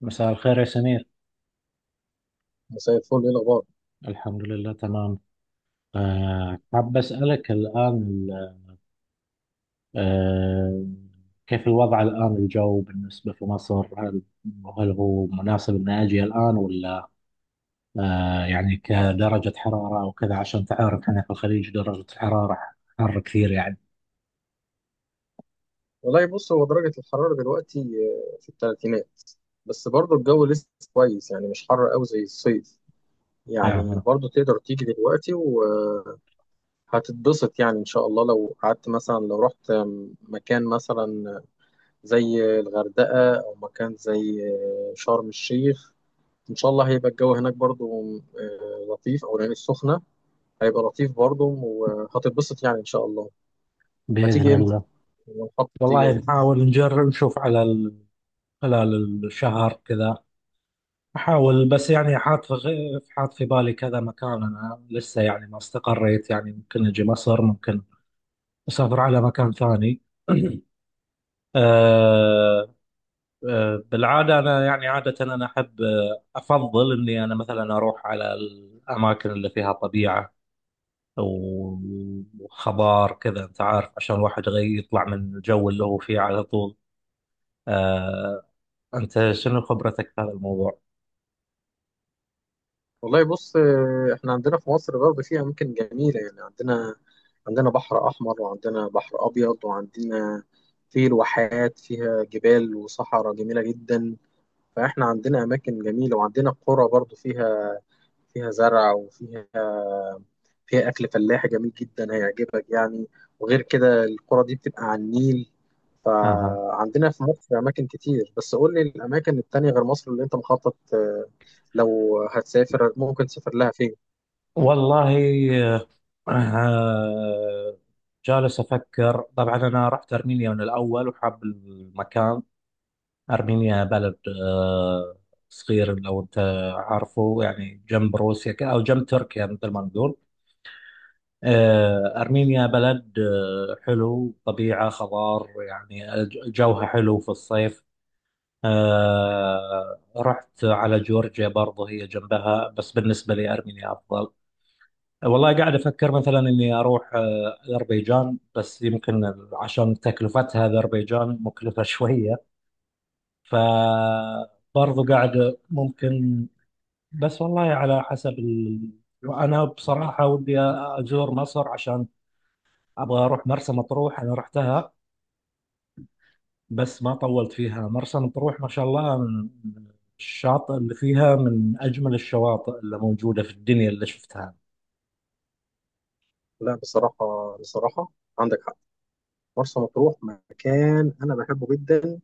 مساء الخير يا سمير. مساء الفل، ايه الاخبار؟ الحمد لله تمام. حاب أسألك الآن. أه كيف الوضع الآن، الجو بالنسبة في مصر، هل هو مناسب إني أجي الآن، ولا يعني كدرجة حرارة أو كذا؟ عشان تعرف هنا في الخليج درجة الحرارة حر كثير يعني. والله بص، هو درجه الحراره دلوقتي في الثلاثينات، بس برضه الجو لسه كويس، يعني مش حر قوي زي الصيف. يعني أه برضه تقدر تيجي دلوقتي وهتتبسط، يعني ان شاء الله لو قعدت مثلا، لو رحت مكان مثلا زي الغردقه، او مكان زي شرم الشيخ، ان شاء الله هيبقى الجو هناك برضه لطيف، او العين السخنه هيبقى لطيف برضه وهتتبسط يعني ان شاء الله. بإذن هتيجي امتى؟ الله. ونحط والله امتى؟ نحاول نجرب نشوف على خلال الشهر كذا. أحاول، بس يعني حاط في حاط في بالي كذا مكان، أنا لسه يعني ما استقريت، يعني ممكن أجي مصر، ممكن أسافر على مكان ثاني. أه أه بالعادة أنا، يعني عادة أنا أحب، أفضل إني أنا مثلا أروح على الأماكن اللي فيها طبيعة و- وخضار كذا، أنت عارف، عشان الواحد يطلع من الجو اللي هو فيه على طول. أه أنت شنو خبرتك في هذا الموضوع؟ والله بص، احنا عندنا في مصر برضه في اماكن جميله، يعني عندنا بحر احمر، وعندنا بحر ابيض، وعندنا الواحات فيها جبال وصحراء جميله جدا. فاحنا عندنا اماكن جميله، وعندنا قرى برضه فيها فيها زرع، وفيها أكل فلاحي جميل جدا هيعجبك يعني. وغير كده القرى دي بتبقى على النيل. فعندنا في مصر أماكن كتير، بس قول لي الأماكن التانية غير مصر اللي أنت مخطط، لو هتسافر ممكن تسافر لها فين؟ والله آه، جالس أفكر. طبعا أنا رحت أرمينيا من الأول وحاب المكان. أرمينيا بلد آه، صغير، لو أنت عارفه، يعني جنب روسيا أو جنب تركيا مثل ما نقول. أرمينيا بلد حلو، طبيعة، خضار، يعني جوها حلو في الصيف. رحت على جورجيا برضه، هي جنبها، بس بالنسبة لي أرمينيا أفضل. والله قاعد افكر مثلا اني اروح اذربيجان، بس يمكن عشان تكلفتها، اذربيجان مكلفه شويه، فبرضو قاعد ممكن، بس والله على حسب انا بصراحه ودي ازور مصر، عشان ابغى اروح مرسى مطروح. انا رحتها بس ما طولت فيها. مرسى مطروح ما شاء الله، من الشاطئ اللي فيها، من اجمل الشواطئ اللي موجوده في الدنيا اللي شفتها. لا بصراحة، عندك حق. مرسى مطروح مكان أنا بحبه جدا،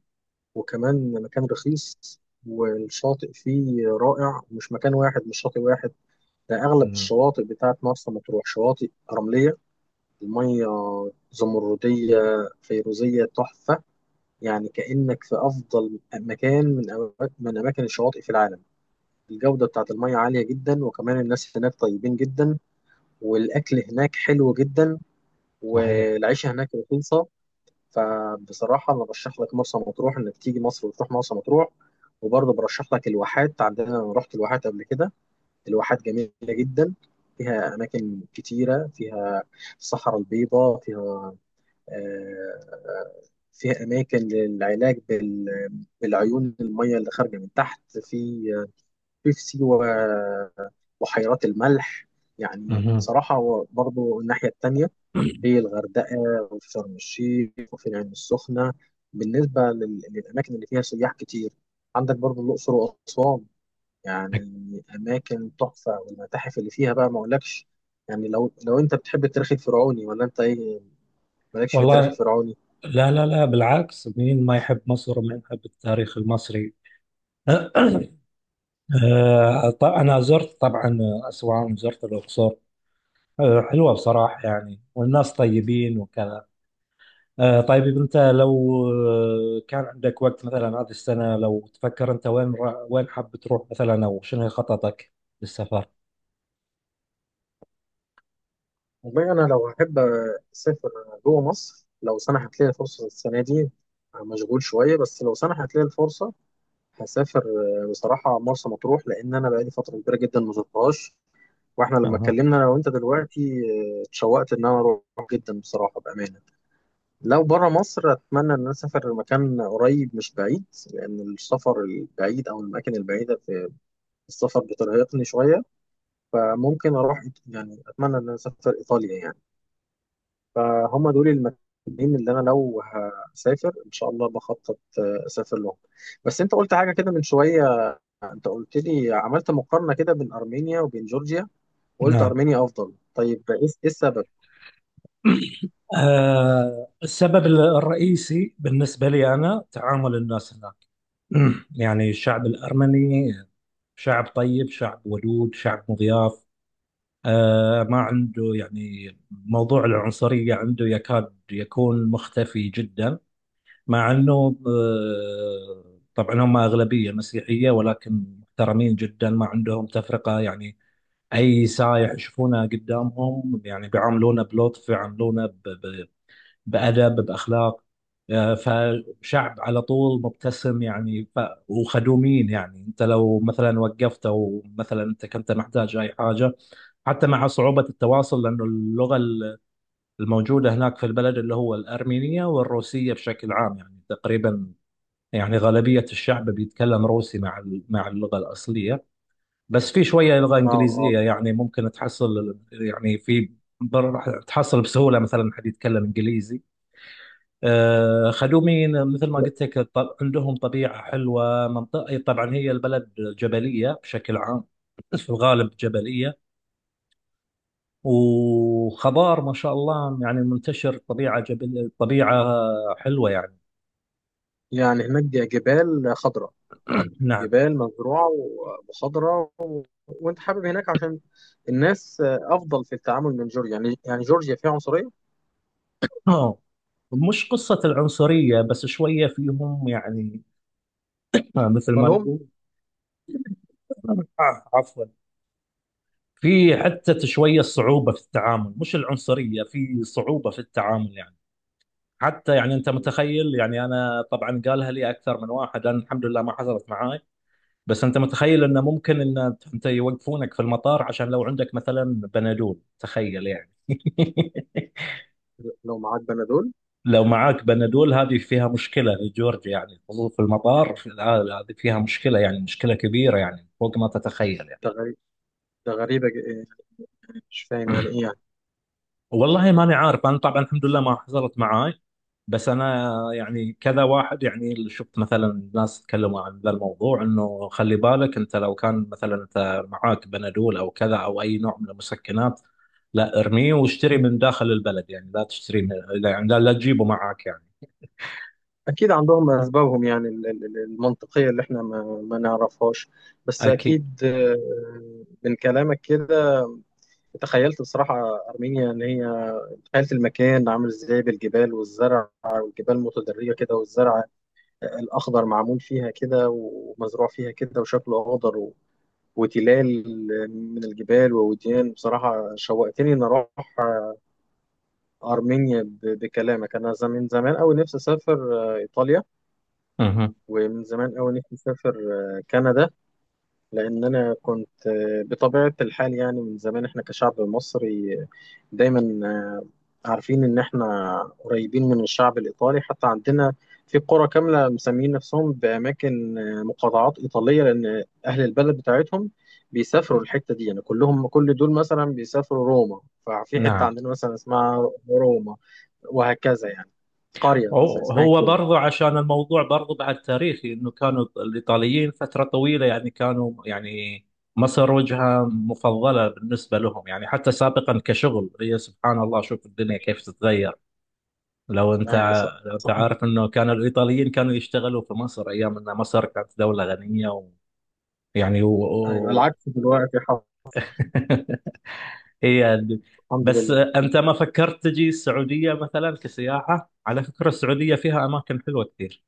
وكمان مكان رخيص، والشاطئ فيه رائع. مش مكان واحد، مش شاطئ واحد، ده أغلب نعم. الشواطئ بتاعت مرسى مطروح شواطئ رملية. المية زمردية فيروزية تحفة، يعني كأنك في أفضل مكان من أماكن الشواطئ في العالم. الجودة بتاعت المية عالية جدا، وكمان الناس هناك طيبين جدا، والأكل هناك حلو جدا، صحيح. والعيشة هناك رخيصة. فبصراحة أنا برشح لك مرسى مطروح، إنك تيجي مصر وتروح مرسى مطروح. وبرضه برشح لك الواحات. عندنا أنا رحت الواحات قبل كده، الواحات جميلة جدا، فيها أماكن كتيرة، الصحراء البيضاء، فيها اماكن للعلاج بالعيون، الميه اللي خارجه من تحت في سيوه، بحيرات الملح. يعني مهم. بصراحه برضو الناحيه التانيه، في الغردقه، وفي شرم الشيخ، وفي العين السخنه. بالنسبه للاماكن اللي فيها سياح كتير، عندك برضو الاقصر واسوان، يعني اماكن تحفه. والمتاحف اللي فيها بقى ما اقولكش يعني. لو انت بتحب التاريخ الفرعوني ولا انت ايه؟ مالكش في التاريخ والله، الفرعوني؟ لا لا لا، بالعكس، مين ما يحب مصر، ومين يحب التاريخ المصري؟ أنا زرت طبعا أسوان، زرت الأقصر، حلوة بصراحة يعني، والناس طيبين وكذا. طيب أنت لو كان عندك وقت مثلا هذه السنة، لو تفكر أنت وين وين حاب تروح مثلا، أو شنو خططك للسفر؟ والله أنا لو أحب أسافر جوه مصر، لو سنحت لي الفرصة السنة دي، مشغول شوية، بس لو سنحت لي الفرصة هسافر بصراحة مرسى مطروح، لأن أنا بقالي فترة كبيرة جدا ما زرتهاش. وإحنا لما أها. اتكلمنا أنا وأنت دلوقتي، اتشوقت إن أنا أروح جدا، بصراحة بأمانة. لو بره مصر، أتمنى إن أنا أسافر مكان قريب مش بعيد، لأن السفر البعيد أو الأماكن البعيدة في السفر بترهقني شوية. فممكن أروح يعني أتمنى إن أنا أسافر إيطاليا يعني. فهم دول المكانين اللي انا لو هسافر ان شاء الله بخطط، اسافر لهم. بس انت قلت حاجه كده من شويه، انت قلت لي عملت مقارنه كده بين ارمينيا وبين جورجيا، وقلت نعم. ارمينيا افضل، طيب ايه السبب؟ السبب الرئيسي بالنسبة لي أنا تعامل الناس هناك. يعني الشعب الأرمني شعب طيب، شعب ودود، شعب مضياف. ما عنده يعني موضوع العنصرية، عنده يكاد يكون مختفي جدا. مع أنه طبعا هم أغلبية مسيحية، ولكن محترمين جدا، ما عندهم تفرقة يعني. أي سايح يشوفونه قدامهم يعني بيعاملونه بلطف، يعاملونه بأدب، بأخلاق. فشعب على طول مبتسم يعني وخدومين. يعني انت لو مثلا وقفت، او مثلا انت كنت محتاج اي حاجه، حتى مع صعوبه التواصل، لانه اللغه الموجوده هناك في البلد اللي هو الارمينيه والروسيه بشكل عام، يعني تقريبا يعني غالبيه الشعب بيتكلم روسي مع مع اللغه الاصليه. بس في شويه لغه اه، اه، انجليزيه، يعني ممكن تحصل، يعني في راح تحصل بسهوله مثلا حد يتكلم انجليزي. خدومين مثل ما قلت لك. عندهم طبيعة حلوة، منطقة، طبعا هي البلد جبلية بشكل عام، في الغالب جبلية، وخضار ما شاء الله يعني منتشر، طبيعة جبل، طبيعة حلوة يعني. يعني هناك جبال خضراء، نعم. جبال مزروعه وخضراء و... وانت حابب هناك عشان الناس افضل في التعامل من جورجيا، يعني جورجيا فيها عنصريه؟ آه، مش قصة العنصرية، بس شوية فيهم يعني، مثل ما مالهم؟ نقول. عفوا، في آه، حتى شوية صعوبة في التعامل، مش العنصرية، في صعوبة في التعامل يعني. حتى يعني انت متخيل، يعني انا طبعا قالها لي اكثر من واحد، لان الحمد لله ما حصلت معاي. بس انت متخيل انه ممكن ان انت يوقفونك في المطار عشان لو عندك مثلا بنادول، تخيل يعني. لو معاك بنادول؟ لو معاك بنادول هذه فيها مشكله لجورج، يعني الحضور في المطار هذه فيها مشكله، يعني مشكله كبيره، يعني فوق ما تتخيل. ده غريب، ده غريبه، مش فاهم يعني ايه يعني. والله ماني عارف، انا طبعا الحمد لله ما حصلت معاي، بس انا يعني كذا واحد يعني اللي شفت، مثلا ناس تكلموا عن ذا الموضوع، انه خلي بالك انت لو كان مثلا انت معاك بنادول او كذا، او اي نوع من المسكنات، لا ارميه واشتري مم. من داخل البلد، يعني لا تشتري، من يعني لا تجيبه معاك يعني. أكيد عندهم أسبابهم، يعني المنطقية اللي إحنا ما نعرفهاش. بس اكيد. أكيد من كلامك كده تخيلت بصراحة أرمينيا إن هي، تخيلت المكان عامل إزاي، بالجبال والزرع والجبال متدرجة كده، والزرع الأخضر معمول فيها كده ومزروع فيها كده وشكله أخضر و... وتلال من الجبال ووديان. بصراحة شوقتني إن أروح أرمينيا بكلامك. أنا زمان أوي نفسي أسافر إيطاليا، مهم. ومن زمان أوي نفسي أسافر كندا. لأن أنا كنت بطبيعة الحال، يعني من زمان إحنا كشعب مصري دايما عارفين إن إحنا قريبين من الشعب الإيطالي. حتى عندنا في قرى كاملة مسميين نفسهم بأماكن، مقاطعات إيطالية، لأن أهل البلد بتاعتهم بيسافروا الحتة دي يعني، كلهم كل دول مثلا بيسافروا روما، ففي حتة نعم. عندنا مثلا اسمها روما، وهكذا يعني، قرية مثلا هو اسمها هو كده. برضو، عشان الموضوع برضو بعد تاريخي، انه كانوا الايطاليين فتره طويله يعني كانوا يعني مصر وجهه مفضله بالنسبه لهم يعني. حتى سابقا كشغل، هي سبحان الله، شوف الدنيا كيف تتغير. لو انت أيوة. صح. لو انت عارف انه كان الايطاليين كانوا يشتغلوا في مصر ايام ان مصر كانت دوله غنيه. ويعني ايوه العكس دلوقتي هي ال- الحمد بس لله. انت ما فكرت تجي السعوديه مثلا كسياحه؟ على فكره السعوديه فيها اماكن حلوه كثير.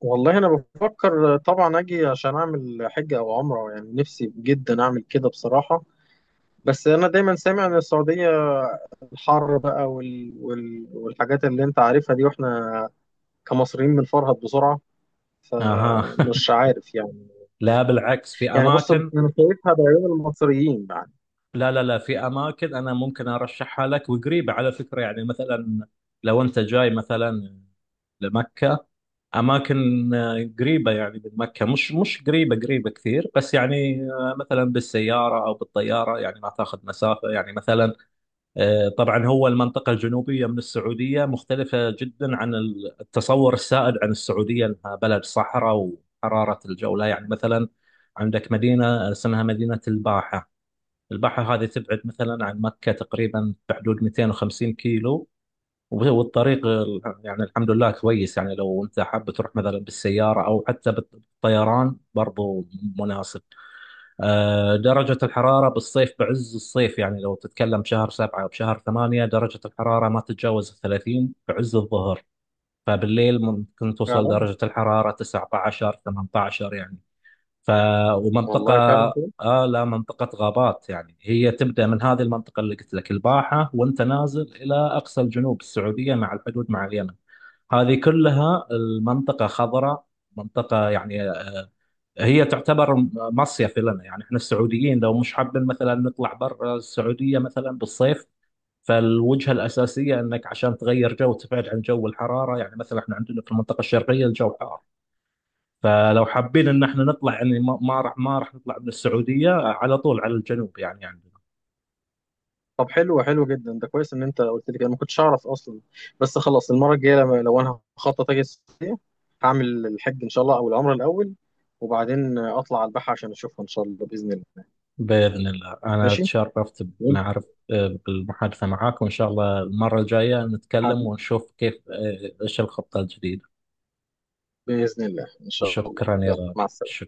والله انا بفكر طبعا اجي عشان اعمل حجه او عمره، يعني نفسي جدا اعمل كده بصراحه. بس انا دايما سامع ان السعوديه الحر بقى، وال... وال... والحاجات اللي انت عارفها دي، واحنا كمصريين بنفرهد بسرعه، اها فمش عارف يعني. لا بالعكس، في يعني بص اماكن. انا شايفها بعيون المصريين يعني. لا لا لا، في اماكن انا ممكن ارشحها لك، وقريبه على فكره يعني. مثلا لو انت جاي مثلا لمكه، اماكن قريبه يعني من مكه، مش قريبه قريبه كثير، بس يعني مثلا بالسياره او بالطياره يعني ما تاخذ مسافه يعني. مثلا طبعا هو المنطقة الجنوبية من السعودية مختلفة جدا عن التصور السائد عن السعودية أنها بلد صحراء وحرارة الجو. لا يعني، مثلا عندك مدينة اسمها مدينة الباحة. الباحة هذه تبعد مثلا عن مكة تقريبا بحدود 250 كيلو، والطريق يعني الحمد لله كويس. يعني لو أنت حاب تروح مثلا بالسيارة أو حتى بالطيران، برضو مناسب. درجة الحرارة بالصيف، بعز الصيف، يعني لو تتكلم شهر سبعة أو شهر ثمانية، درجة الحرارة ما تتجاوز 30 بعز الظهر. فبالليل ممكن توصل فعلا، درجة الحرارة 19 18 يعني. ف ومنطقة والله فعلا. لا، منطقة غابات يعني، هي تبدأ من هذه المنطقة اللي قلت لك الباحة، وانت نازل إلى أقصى الجنوب السعودية مع الحدود مع اليمن، هذه كلها المنطقة خضراء، منطقة يعني هي تعتبر مصيف لنا يعني. احنا السعوديين لو مش حابين مثلا نطلع برا السعودية مثلا بالصيف، فالوجهة الأساسية أنك عشان تغير جو، تبعد عن جو الحرارة. يعني مثلا احنا عندنا في المنطقة الشرقية الجو حار، فلو حابين أن احنا نطلع يعني، ما راح نطلع من السعودية على طول على الجنوب يعني، عندنا. طب حلو، حلو جدا، ده كويس ان انت قلت لي كده، ما كنتش اعرف اصلا. بس خلاص المره الجايه لما لو انا هخطط اجي السعوديه، هعمل الحج ان شاء الله او العمره الاول، وبعدين اطلع على البحر عشان اشوفها ان شاء الله باذن الله. بإذن الله، أنا ماشي، تشرفت وأنت بمعرف بالمحادثة معاك، وإن شاء الله المرة الجاية نتكلم حبيبي، ونشوف كيف إيش الخطة الجديدة. باذن الله ان شاء الله، شكرا يا يلا مع غالي. السلامه.